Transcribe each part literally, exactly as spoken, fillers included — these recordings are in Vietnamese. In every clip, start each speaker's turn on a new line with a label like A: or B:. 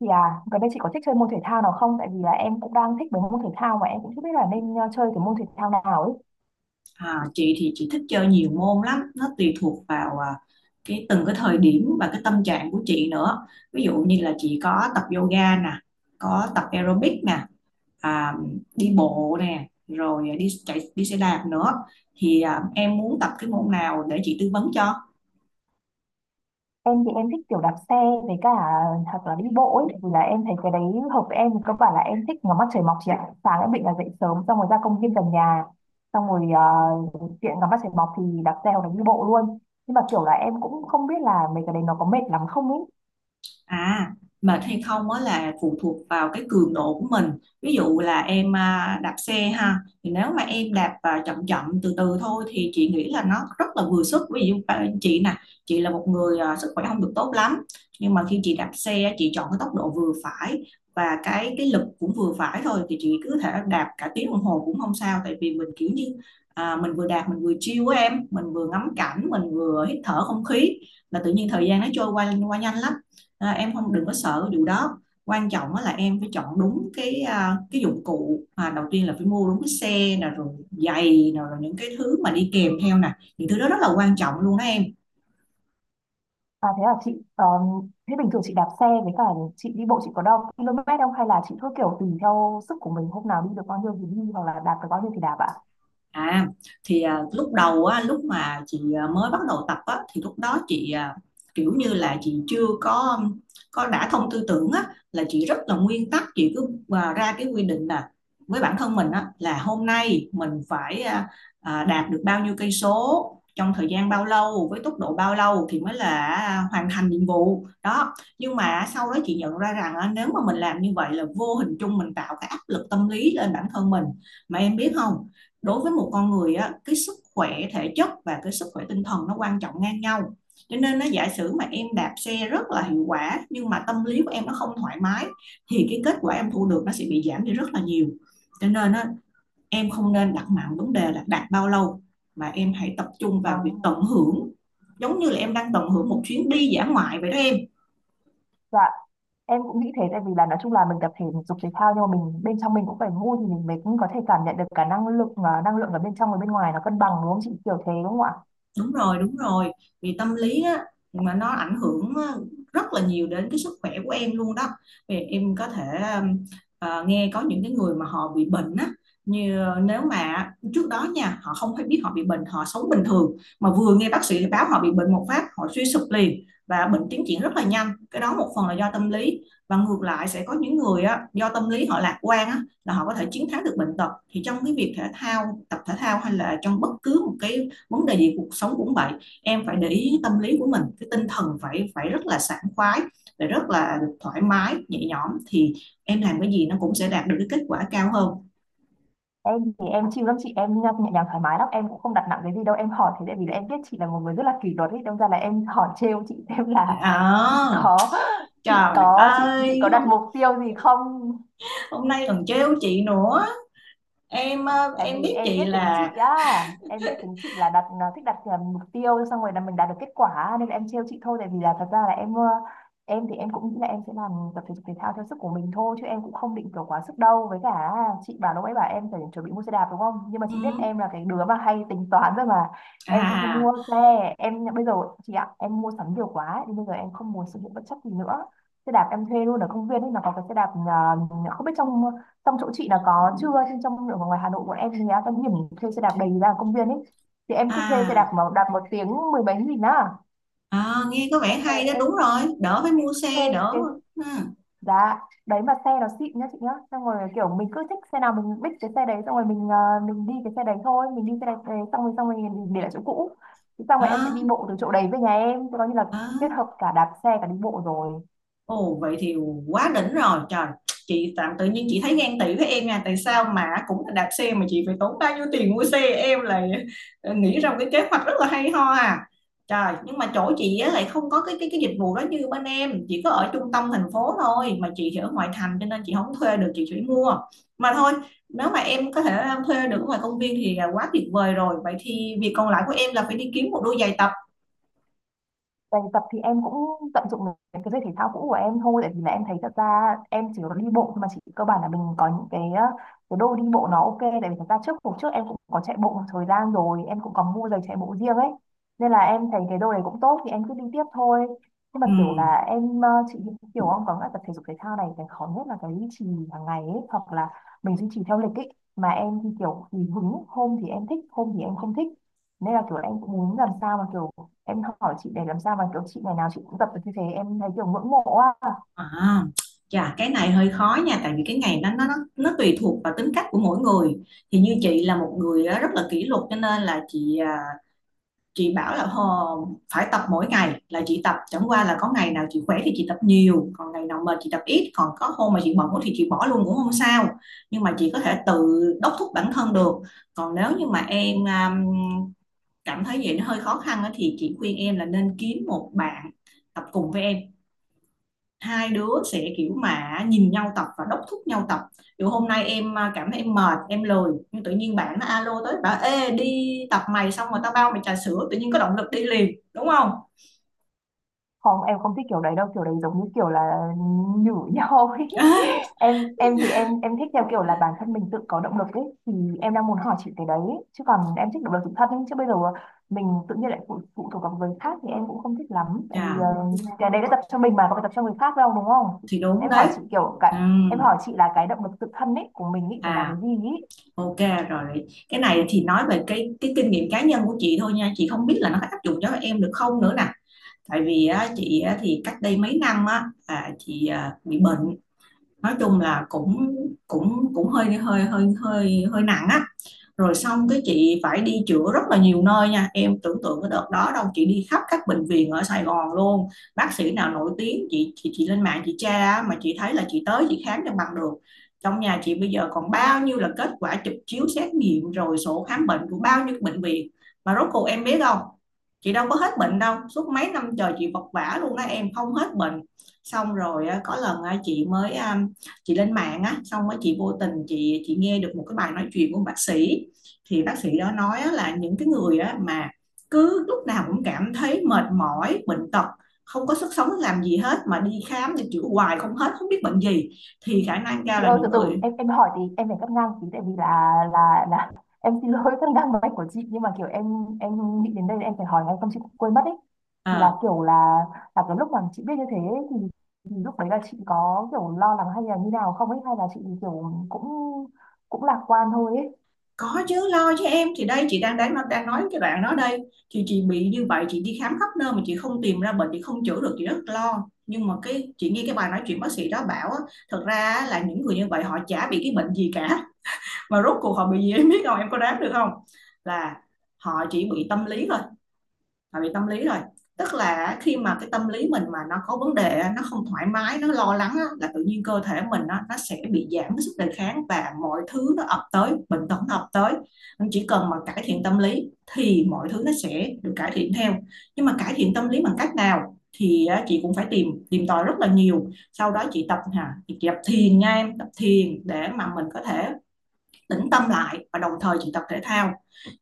A: Thì à, gần đây chị có thích chơi môn thể thao nào không? Tại vì là em cũng đang thích mấy môn thể thao mà em cũng chưa biết là nên ờ, chơi cái môn thể thao nào ấy.
B: À, chị thì chị thích chơi nhiều môn lắm, nó tùy thuộc vào à, cái từng cái thời điểm và cái tâm trạng của chị nữa. Ví dụ như là chị có tập yoga nè, có tập aerobic nè, à, đi bộ nè, rồi đi chạy, đi xe đạp nữa. Thì à, em muốn tập cái môn nào để chị tư vấn cho.
A: Em thì em thích kiểu đạp xe với cả hoặc là đi bộ ấy. Tại Vì là em thấy cái đấy hợp với em. Cơ bản là em thích ngắm mặt trời mọc chị ạ. Sáng em định là dậy sớm xong rồi ra công viên gần nhà. Xong rồi ờ, tiện ngắm mặt trời mọc thì đạp xe hoặc là đi bộ luôn. Nhưng mà kiểu là em cũng không biết là mấy cái đấy nó có mệt lắm không ấy.
B: À, mệt hay không á là phụ thuộc vào cái cường độ của mình. Ví dụ là em à, đạp xe ha, thì nếu mà em đạp à, chậm chậm từ từ thôi thì chị nghĩ là nó rất là vừa sức. Ví dụ à, chị nè, chị là một người à, sức khỏe không được tốt lắm, nhưng mà khi chị đạp xe chị chọn cái tốc độ vừa phải và cái cái lực cũng vừa phải thôi thì chị cứ thể đạp cả tiếng đồng hồ cũng không sao, tại vì mình kiểu như à, mình vừa đạp mình vừa chill á em, mình vừa ngắm cảnh, mình vừa hít thở không khí, là tự nhiên thời gian nó trôi qua qua nhanh lắm. À, em không, đừng có sợ cái vụ đó, quan trọng là em phải chọn đúng cái à, cái dụng cụ. À, đầu tiên là phải mua đúng cái xe nè, rồi giày nè, rồi những cái thứ mà đi kèm theo nè, những thứ đó rất là quan trọng luôn đó em.
A: À, thế là chị, um, thế bình thường chị đạp xe với cả chị đi bộ, chị có đo ki lô mét không, hay là chị cứ kiểu tùy theo sức của mình, hôm nào đi được bao nhiêu thì đi hoặc là đạp được bao nhiêu thì đạp ạ?
B: À, thì à, lúc đầu á, lúc mà chị à, mới bắt đầu tập á thì lúc đó chị, à, kiểu như là chị chưa có có đã thông tư tưởng á, là chị rất là nguyên tắc. Chị cứ à, ra cái quy định là với bản thân mình á, là hôm nay mình phải à, à, đạt được bao nhiêu cây số trong thời gian bao lâu với tốc độ bao lâu thì mới là à, hoàn thành nhiệm vụ đó. Nhưng mà sau đó chị nhận ra rằng á, nếu mà mình làm như vậy là vô hình chung mình tạo cái áp lực tâm lý lên bản thân mình. Mà em biết không, đối với một con người á, cái sức khỏe thể chất và cái sức khỏe tinh thần nó quan trọng ngang nhau, cho nên nó giả sử mà em đạp xe rất là hiệu quả nhưng mà tâm lý của em nó không thoải mái thì cái kết quả em thu được nó sẽ bị giảm đi rất là nhiều. Cho nên á, em không nên đặt nặng vấn đề là đạt bao lâu mà em hãy tập trung vào
A: À,
B: việc tận hưởng, giống như là em đang tận hưởng một chuyến đi dã ngoại vậy đó em.
A: dạ, em cũng nghĩ thế. Tại vì là nói chung là mình tập thể dục thể thao nhưng mà mình bên trong mình cũng phải vui thì mình mới cũng có thể cảm nhận được cả năng lượng, và năng lượng ở bên trong và bên ngoài nó cân bằng, đúng không chị, kiểu thế đúng không ạ?
B: Đúng rồi, đúng rồi, vì tâm lý á mà nó ảnh hưởng á, rất là nhiều đến cái sức khỏe của em luôn đó. Vì em có thể um, ờ, nghe có những cái người mà họ bị bệnh á, như ờ, nếu mà trước đó nha họ không hay biết họ bị bệnh, họ sống bình thường, mà vừa nghe bác sĩ báo họ bị bệnh một phát họ suy sụp liền và bệnh tiến triển rất là nhanh, cái đó một phần là do tâm lý. Và ngược lại sẽ có những người á, do tâm lý họ lạc quan á, là họ có thể chiến thắng được bệnh tật. Thì trong cái việc thể thao, tập thể thao, hay là trong bất cứ một cái vấn đề gì cuộc sống cũng vậy, em phải để ý tâm lý của mình, cái tinh thần phải phải rất là sảng khoái, phải rất là thoải mái nhẹ nhõm thì em làm cái gì nó cũng sẽ đạt được cái kết quả cao hơn.
A: Em thì em chịu lắm chị, em nhẹ nhàng thoải mái lắm, em cũng không đặt nặng cái gì đâu. Em hỏi thế tại vì là em biết chị là một người rất là kỷ luật ấy, đâm ra là em hỏi trêu chị xem là chị
B: à,
A: có chị
B: Trời
A: có chị chị
B: ơi,
A: có đặt
B: hôm
A: mục tiêu gì không.
B: hôm nay còn trêu chị nữa. Em ờ,
A: Tại
B: em
A: vì
B: biết
A: em biết
B: chị
A: tính
B: là
A: chị á, em biết tính chị là đặt, nó thích đặt à, mục tiêu xong rồi là mình đạt được kết quả, nên là em trêu chị thôi. Tại vì là thật ra là em, ờ, em thì em cũng nghĩ là em sẽ làm tập thể dục thể thao theo sức của mình thôi chứ em cũng không định kiểu quá sức đâu. Với cả chị bảo lúc ấy bảo em phải chuẩn bị mua xe đạp đúng không, nhưng mà chị biết
B: ừ,
A: em là cái đứa mà hay tính toán rồi mà, em sẽ không
B: à
A: mua xe. Em bây giờ, chị ạ, em mua sắm nhiều quá ấy, nên bây giờ em không muốn sử dụng bất chấp gì nữa. Xe đạp em thuê luôn ở công viên ấy, nó có cái xe đạp à, không biết trong, trong chỗ chị là có chưa, chứ trong ở ngoài Hà Nội bọn em thì á, cái điểm thuê xe đạp đầy ra công viên ấy. Thì em cứ thuê xe đạp
B: à
A: mà đạp, một tiếng mười mấy nghìn á.
B: à nghe có
A: Xong
B: vẻ
A: rồi
B: hay đó, đúng
A: em,
B: rồi, đỡ phải
A: em
B: mua
A: cứ thuê
B: xe đỡ.
A: cái
B: Ừ,
A: giá đấy, mà xe nó xịn nhá chị nhá, xong rồi kiểu mình cứ thích xe nào mình biết cái xe đấy, xong rồi mình ờ, mình đi cái xe đấy thôi, mình đi xe đấy đấy, xong rồi xong rồi mình để lại chỗ cũ. Thế xong rồi em sẽ
B: à,
A: đi bộ từ chỗ đấy về nhà em. Thế coi như là
B: à.
A: kết hợp cả đạp xe cả đi bộ rồi.
B: Ồ, vậy thì quá đỉnh rồi trời. Chị tạm tự nhiên chị thấy ghen tị với em nha, tại sao mà cũng là đạp xe mà chị phải tốn bao nhiêu tiền mua xe, em lại ờ, nghĩ ra một cái kế hoạch rất là hay ho à. Trời, nhưng mà chỗ chị á, lại không có cái cái cái dịch vụ đó như bên em. Chị có ở trung tâm thành phố thôi, mà chị thì ở ngoại thành cho nên chị không thuê được, chị chỉ mua. Mà thôi, nếu mà em có thể ờ, thuê được ở ngoài công viên thì là quá tuyệt vời rồi. Vậy thì việc còn lại của em là phải đi kiếm một đôi giày tập.
A: Bài tập thì em cũng tận dụng những cái giày thể thao cũ của em thôi, tại vì là em thấy thật ra em chỉ có đi bộ thôi mà, chỉ cơ bản là mình có những cái ờ, cái đôi đi bộ nó ok. Tại vì thật ra trước, hồi trước em cũng có chạy bộ một thời gian rồi, em cũng có mua giày chạy bộ riêng ấy, nên là em thấy cái đôi này cũng tốt thì em cứ đi tiếp thôi. Nhưng mà
B: Ừ.
A: kiểu là em, ờ, chị, kiểu ông có nghĩa là tập thể dục thể thao này cái khó nhất là cái duy trì hàng ngày ấy, hoặc là mình duy trì theo lịch ấy, mà em thì kiểu thì hứng, hôm thì em thích hôm thì em không thích, nên là kiểu là em cũng muốn làm sao mà kiểu, em hỏi chị để làm sao mà kiểu chị ngày nào chị cũng tập được như thế, em thấy kiểu ngưỡng mộ á.
B: À, chà, cái này hơi khó nha, tại vì cái ngày đó nó nó nó tùy thuộc vào tính cách của mỗi người. Thì như chị là một người á, rất là kỷ luật, cho nên là chị à, chị bảo là "Hò, phải tập mỗi ngày là chị tập, chẳng qua là có ngày nào chị khỏe thì chị tập nhiều, còn ngày nào mệt chị tập ít, còn có hôm mà chị bận quá thì chị bỏ luôn cũng không sao, nhưng mà chị có thể tự đốc thúc bản thân được. Còn nếu như mà em à, cảm thấy vậy nó hơi khó khăn á, thì chị khuyên em là nên kiếm một bạn tập cùng với em. Hai đứa sẽ kiểu mà nhìn nhau tập và đốc thúc nhau tập, dù hôm nay em à, cảm thấy em mệt em lười, nhưng tự nhiên bạn nó alo tới bảo ê đi tập mày, xong rồi tao bao mày trà sữa, tự nhiên có động lực đi liền đúng không.
A: Không, em không thích kiểu đấy đâu, kiểu đấy giống như kiểu là nhử nhau ấy.
B: Ai,
A: em em thì em em thích theo kiểu là bản thân mình tự có động lực ấy, thì em đang muốn hỏi chị cái đấy. Chứ còn em thích động lực tự thân ấy, chứ bây giờ mình tự nhiên lại phụ, phụ thuộc vào người khác thì em cũng không thích lắm. Tại vì Ừ,
B: chà,
A: ờ, cái đấy đã tập cho mình mà, có phải tập cho người khác đâu đúng không.
B: thì đúng
A: Em
B: đấy.
A: hỏi chị kiểu cái Em
B: Ừm,
A: hỏi chị là cái động lực tự thân ấy của mình ý thì là
B: à
A: cái gì ý.
B: ok, rồi cái này thì nói về cái cái kinh nghiệm cá nhân của chị thôi nha, chị không biết là nó có áp dụng cho em được không nữa nè. Tại vì á, chị á, thì cách đây mấy năm á, là chị à, bị bệnh, nói chung là cũng cũng cũng hơi hơi hơi hơi hơi nặng á. Rồi xong cái chị phải đi chữa rất là nhiều nơi nha, em tưởng tượng cái đợt đó đâu chị đi khắp các bệnh viện ở Sài Gòn luôn. Bác sĩ nào nổi tiếng chị chị chị lên mạng chị tra, mà chị thấy là chị tới chị khám cho bằng được. Trong nhà chị bây giờ còn bao nhiêu là kết quả chụp chiếu xét nghiệm rồi sổ khám bệnh của bao nhiêu bệnh viện. Mà rốt cuộc em biết không, chị đâu có hết bệnh đâu, suốt mấy năm trời chị vật vã luôn á em, không hết bệnh. Xong rồi có lần chị mới um, chị lên mạng á, xong rồi chị vô tình chị chị nghe được một cái bài nói chuyện của bác sĩ. Thì bác sĩ đó nói là những cái người mà cứ lúc nào cũng cảm thấy mệt mỏi bệnh tật, không có sức sống làm gì hết, mà đi khám đi chữa hoài không hết, không biết bệnh gì, thì khả năng cao
A: Chị
B: là
A: ơi từ
B: những người
A: từ, em em hỏi thì em phải cắt ngang tí, tại vì là là là em xin lỗi cắt ngang máy của chị, nhưng mà kiểu em em nghĩ đến đây em phải hỏi ngay không chị quên mất ấy. Thì là
B: à,
A: kiểu là là cái lúc mà chị biết như thế ấy, thì, thì lúc đấy là chị có kiểu lo lắng hay là như nào không ấy, hay là chị kiểu cũng cũng lạc quan thôi ấy.
B: có chứ, lo cho em thì đây, chị đang đang đang nói cái đoạn đó đây. Thì chị bị như vậy chị đi khám khắp nơi mà chị không tìm ra bệnh, chị không chữa được, chị rất lo. Nhưng mà cái chị nghe cái bài nói chuyện bác sĩ đó bảo á, thật ra là những người như vậy họ chả bị cái bệnh gì cả. Mà rốt cuộc họ bị gì em biết không, em có đoán được không, là họ chỉ bị tâm lý thôi. Họ bị tâm lý rồi, tức là khi mà cái tâm lý mình mà nó có vấn đề, nó không thoải mái, nó lo lắng, là tự nhiên cơ thể mình nó nó sẽ bị giảm cái sức đề kháng, và mọi thứ nó ập tới, bệnh tật nó ập tới. Nên chỉ cần mà cải thiện tâm lý thì mọi thứ nó sẽ được cải thiện theo. Nhưng mà cải thiện tâm lý bằng cách nào thì chị cũng phải tìm tìm tòi rất là nhiều. Sau đó chị tập hả, chị tập thiền nha em, tập thiền để mà mình có thể tĩnh tâm lại, và đồng thời chị tập thể thao.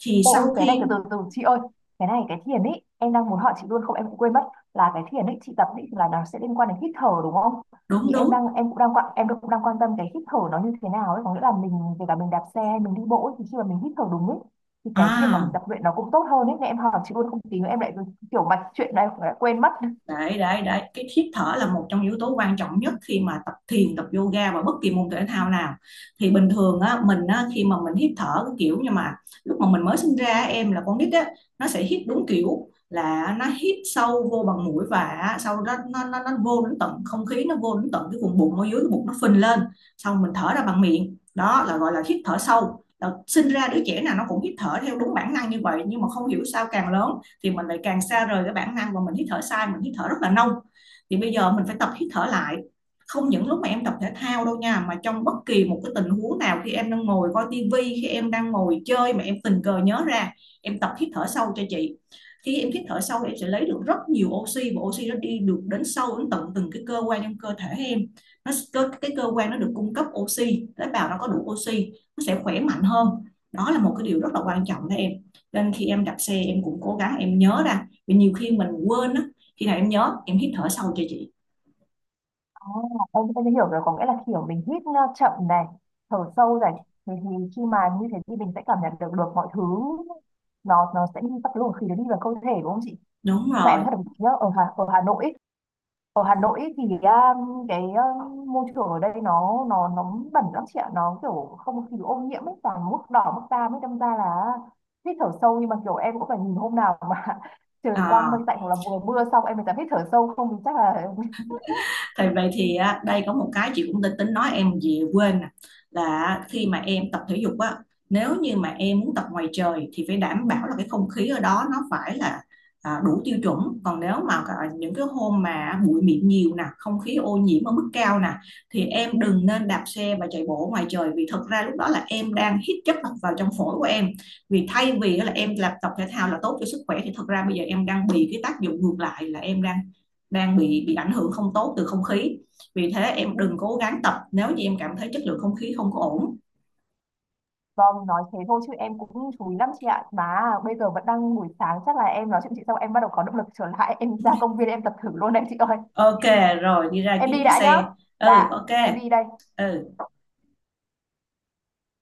B: Thì
A: Ô, ôi
B: sau
A: cái này
B: khi
A: từ từ từ chị ơi, cái này cái thiền ấy em đang muốn hỏi chị luôn không em cũng quên mất. Là cái thiền ấy chị tập ấy, là nó sẽ liên quan đến hít thở đúng không?
B: đúng
A: Thì em
B: đúng
A: đang em cũng đang quan em cũng đang quan tâm cái hít thở nó như thế nào ấy, có nghĩa là mình kể cả mình đạp xe hay mình đi bộ ấy, thì khi mà mình hít thở đúng ấy thì cái việc mà mình
B: à,
A: tập luyện nó cũng tốt hơn ấy, nên em hỏi chị luôn không tí nữa em lại kiểu mạch chuyện này em lại quên mất.
B: đấy đấy đấy, cái hít thở là một trong yếu tố quan trọng nhất khi mà tập thiền, tập yoga và bất kỳ môn thể thao nào. Thì bình thường á mình á, khi mà mình hít thở cái kiểu như mà lúc mà mình mới sinh ra em là con nít á, nó sẽ hít đúng kiểu là nó hít sâu vô bằng mũi, và sau đó nó nó, nó vô đến tận không khí, nó vô đến tận cái vùng bụng, ở dưới cái bụng nó phình lên, xong mình thở ra bằng miệng, đó là gọi là hít thở sâu. Là sinh ra đứa trẻ nào nó cũng hít thở theo đúng bản năng như vậy, nhưng mà không hiểu sao càng lớn thì mình lại càng xa rời cái bản năng, và mình hít thở sai, mình hít thở rất là nông. Thì bây giờ mình phải tập hít thở lại, không những lúc mà em tập thể thao đâu nha, mà trong bất kỳ một cái tình huống nào, khi em đang ngồi coi tivi, khi em đang ngồi chơi mà em tình cờ nhớ ra, em tập hít thở sâu cho chị. Khi em hít thở sâu em sẽ lấy được rất nhiều oxy, và oxy nó đi được đến sâu đến tận từng cái cơ quan trong cơ thể em. Nó, cái cơ quan nó được cung cấp oxy, tế bào nó có đủ oxy, nó sẽ khỏe mạnh hơn. Đó là một cái điều rất là quan trọng đó em. Nên khi em đạp xe em cũng cố gắng em nhớ ra, vì nhiều khi mình quên á, khi nào em nhớ em hít thở sâu cho chị.
A: À, em em hiểu rồi, có nghĩa là kiểu mình hít uh, chậm này, thở sâu này, thì, thì khi mà như thế thì mình sẽ cảm nhận được được mọi thứ, nó nó sẽ đi, các cái luồng khí nó đi vào cơ thể đúng không chị?
B: Đúng
A: Nhưng mà em
B: rồi.
A: thật nhớ ở Hà ở Hà Nội ấy, ở Hà Nội ấy thì um, cái um, môi trường ở đây nó nó nó bẩn lắm chị ạ, nó kiểu không khí ô nhiễm ấy, toàn mức đỏ mức cam ấy, đâm ra là hít thở sâu nhưng mà kiểu em cũng phải nhìn hôm nào mà trời quang mây
B: à,
A: tạnh hoặc là mùa mưa xong em mới dám hít thở sâu, không thì chắc là.
B: thì vậy thì á, đây có một cái chị cũng định tính nói em gì quên nè, là khi mà em tập thể dục á, nếu như mà em muốn tập ngoài trời thì phải đảm bảo là cái không khí ở đó nó phải là à, đủ tiêu chuẩn. Còn nếu mà cả những cái hôm mà bụi mịn nhiều nè, không khí ô nhiễm ở mức cao nè, thì em đừng nên đạp xe và chạy bộ ngoài trời, vì thực ra lúc đó là em đang hít chất độc vào trong phổi của em. Vì thay vì là em làm tập thể thao là tốt cho sức khỏe thì thực ra bây giờ em đang bị cái tác dụng ngược lại, là em đang đang bị bị ảnh hưởng không tốt từ không khí. Vì thế em đừng cố gắng tập nếu như em cảm thấy chất lượng không khí không có ổn.
A: Vâng, nói thế thôi chứ em cũng chú ý lắm chị ạ. Mà bây giờ vẫn đang buổi sáng, chắc là em nói chuyện chị xong em bắt đầu có động lực trở lại. Em ra công viên em tập thử luôn đấy chị ơi.
B: Ok, rồi đi ra
A: Em
B: kiếm
A: đi
B: chiếc
A: đã nhá.
B: xe. Ừ,
A: Dạ,
B: ok.
A: em đi đây.
B: Ừ.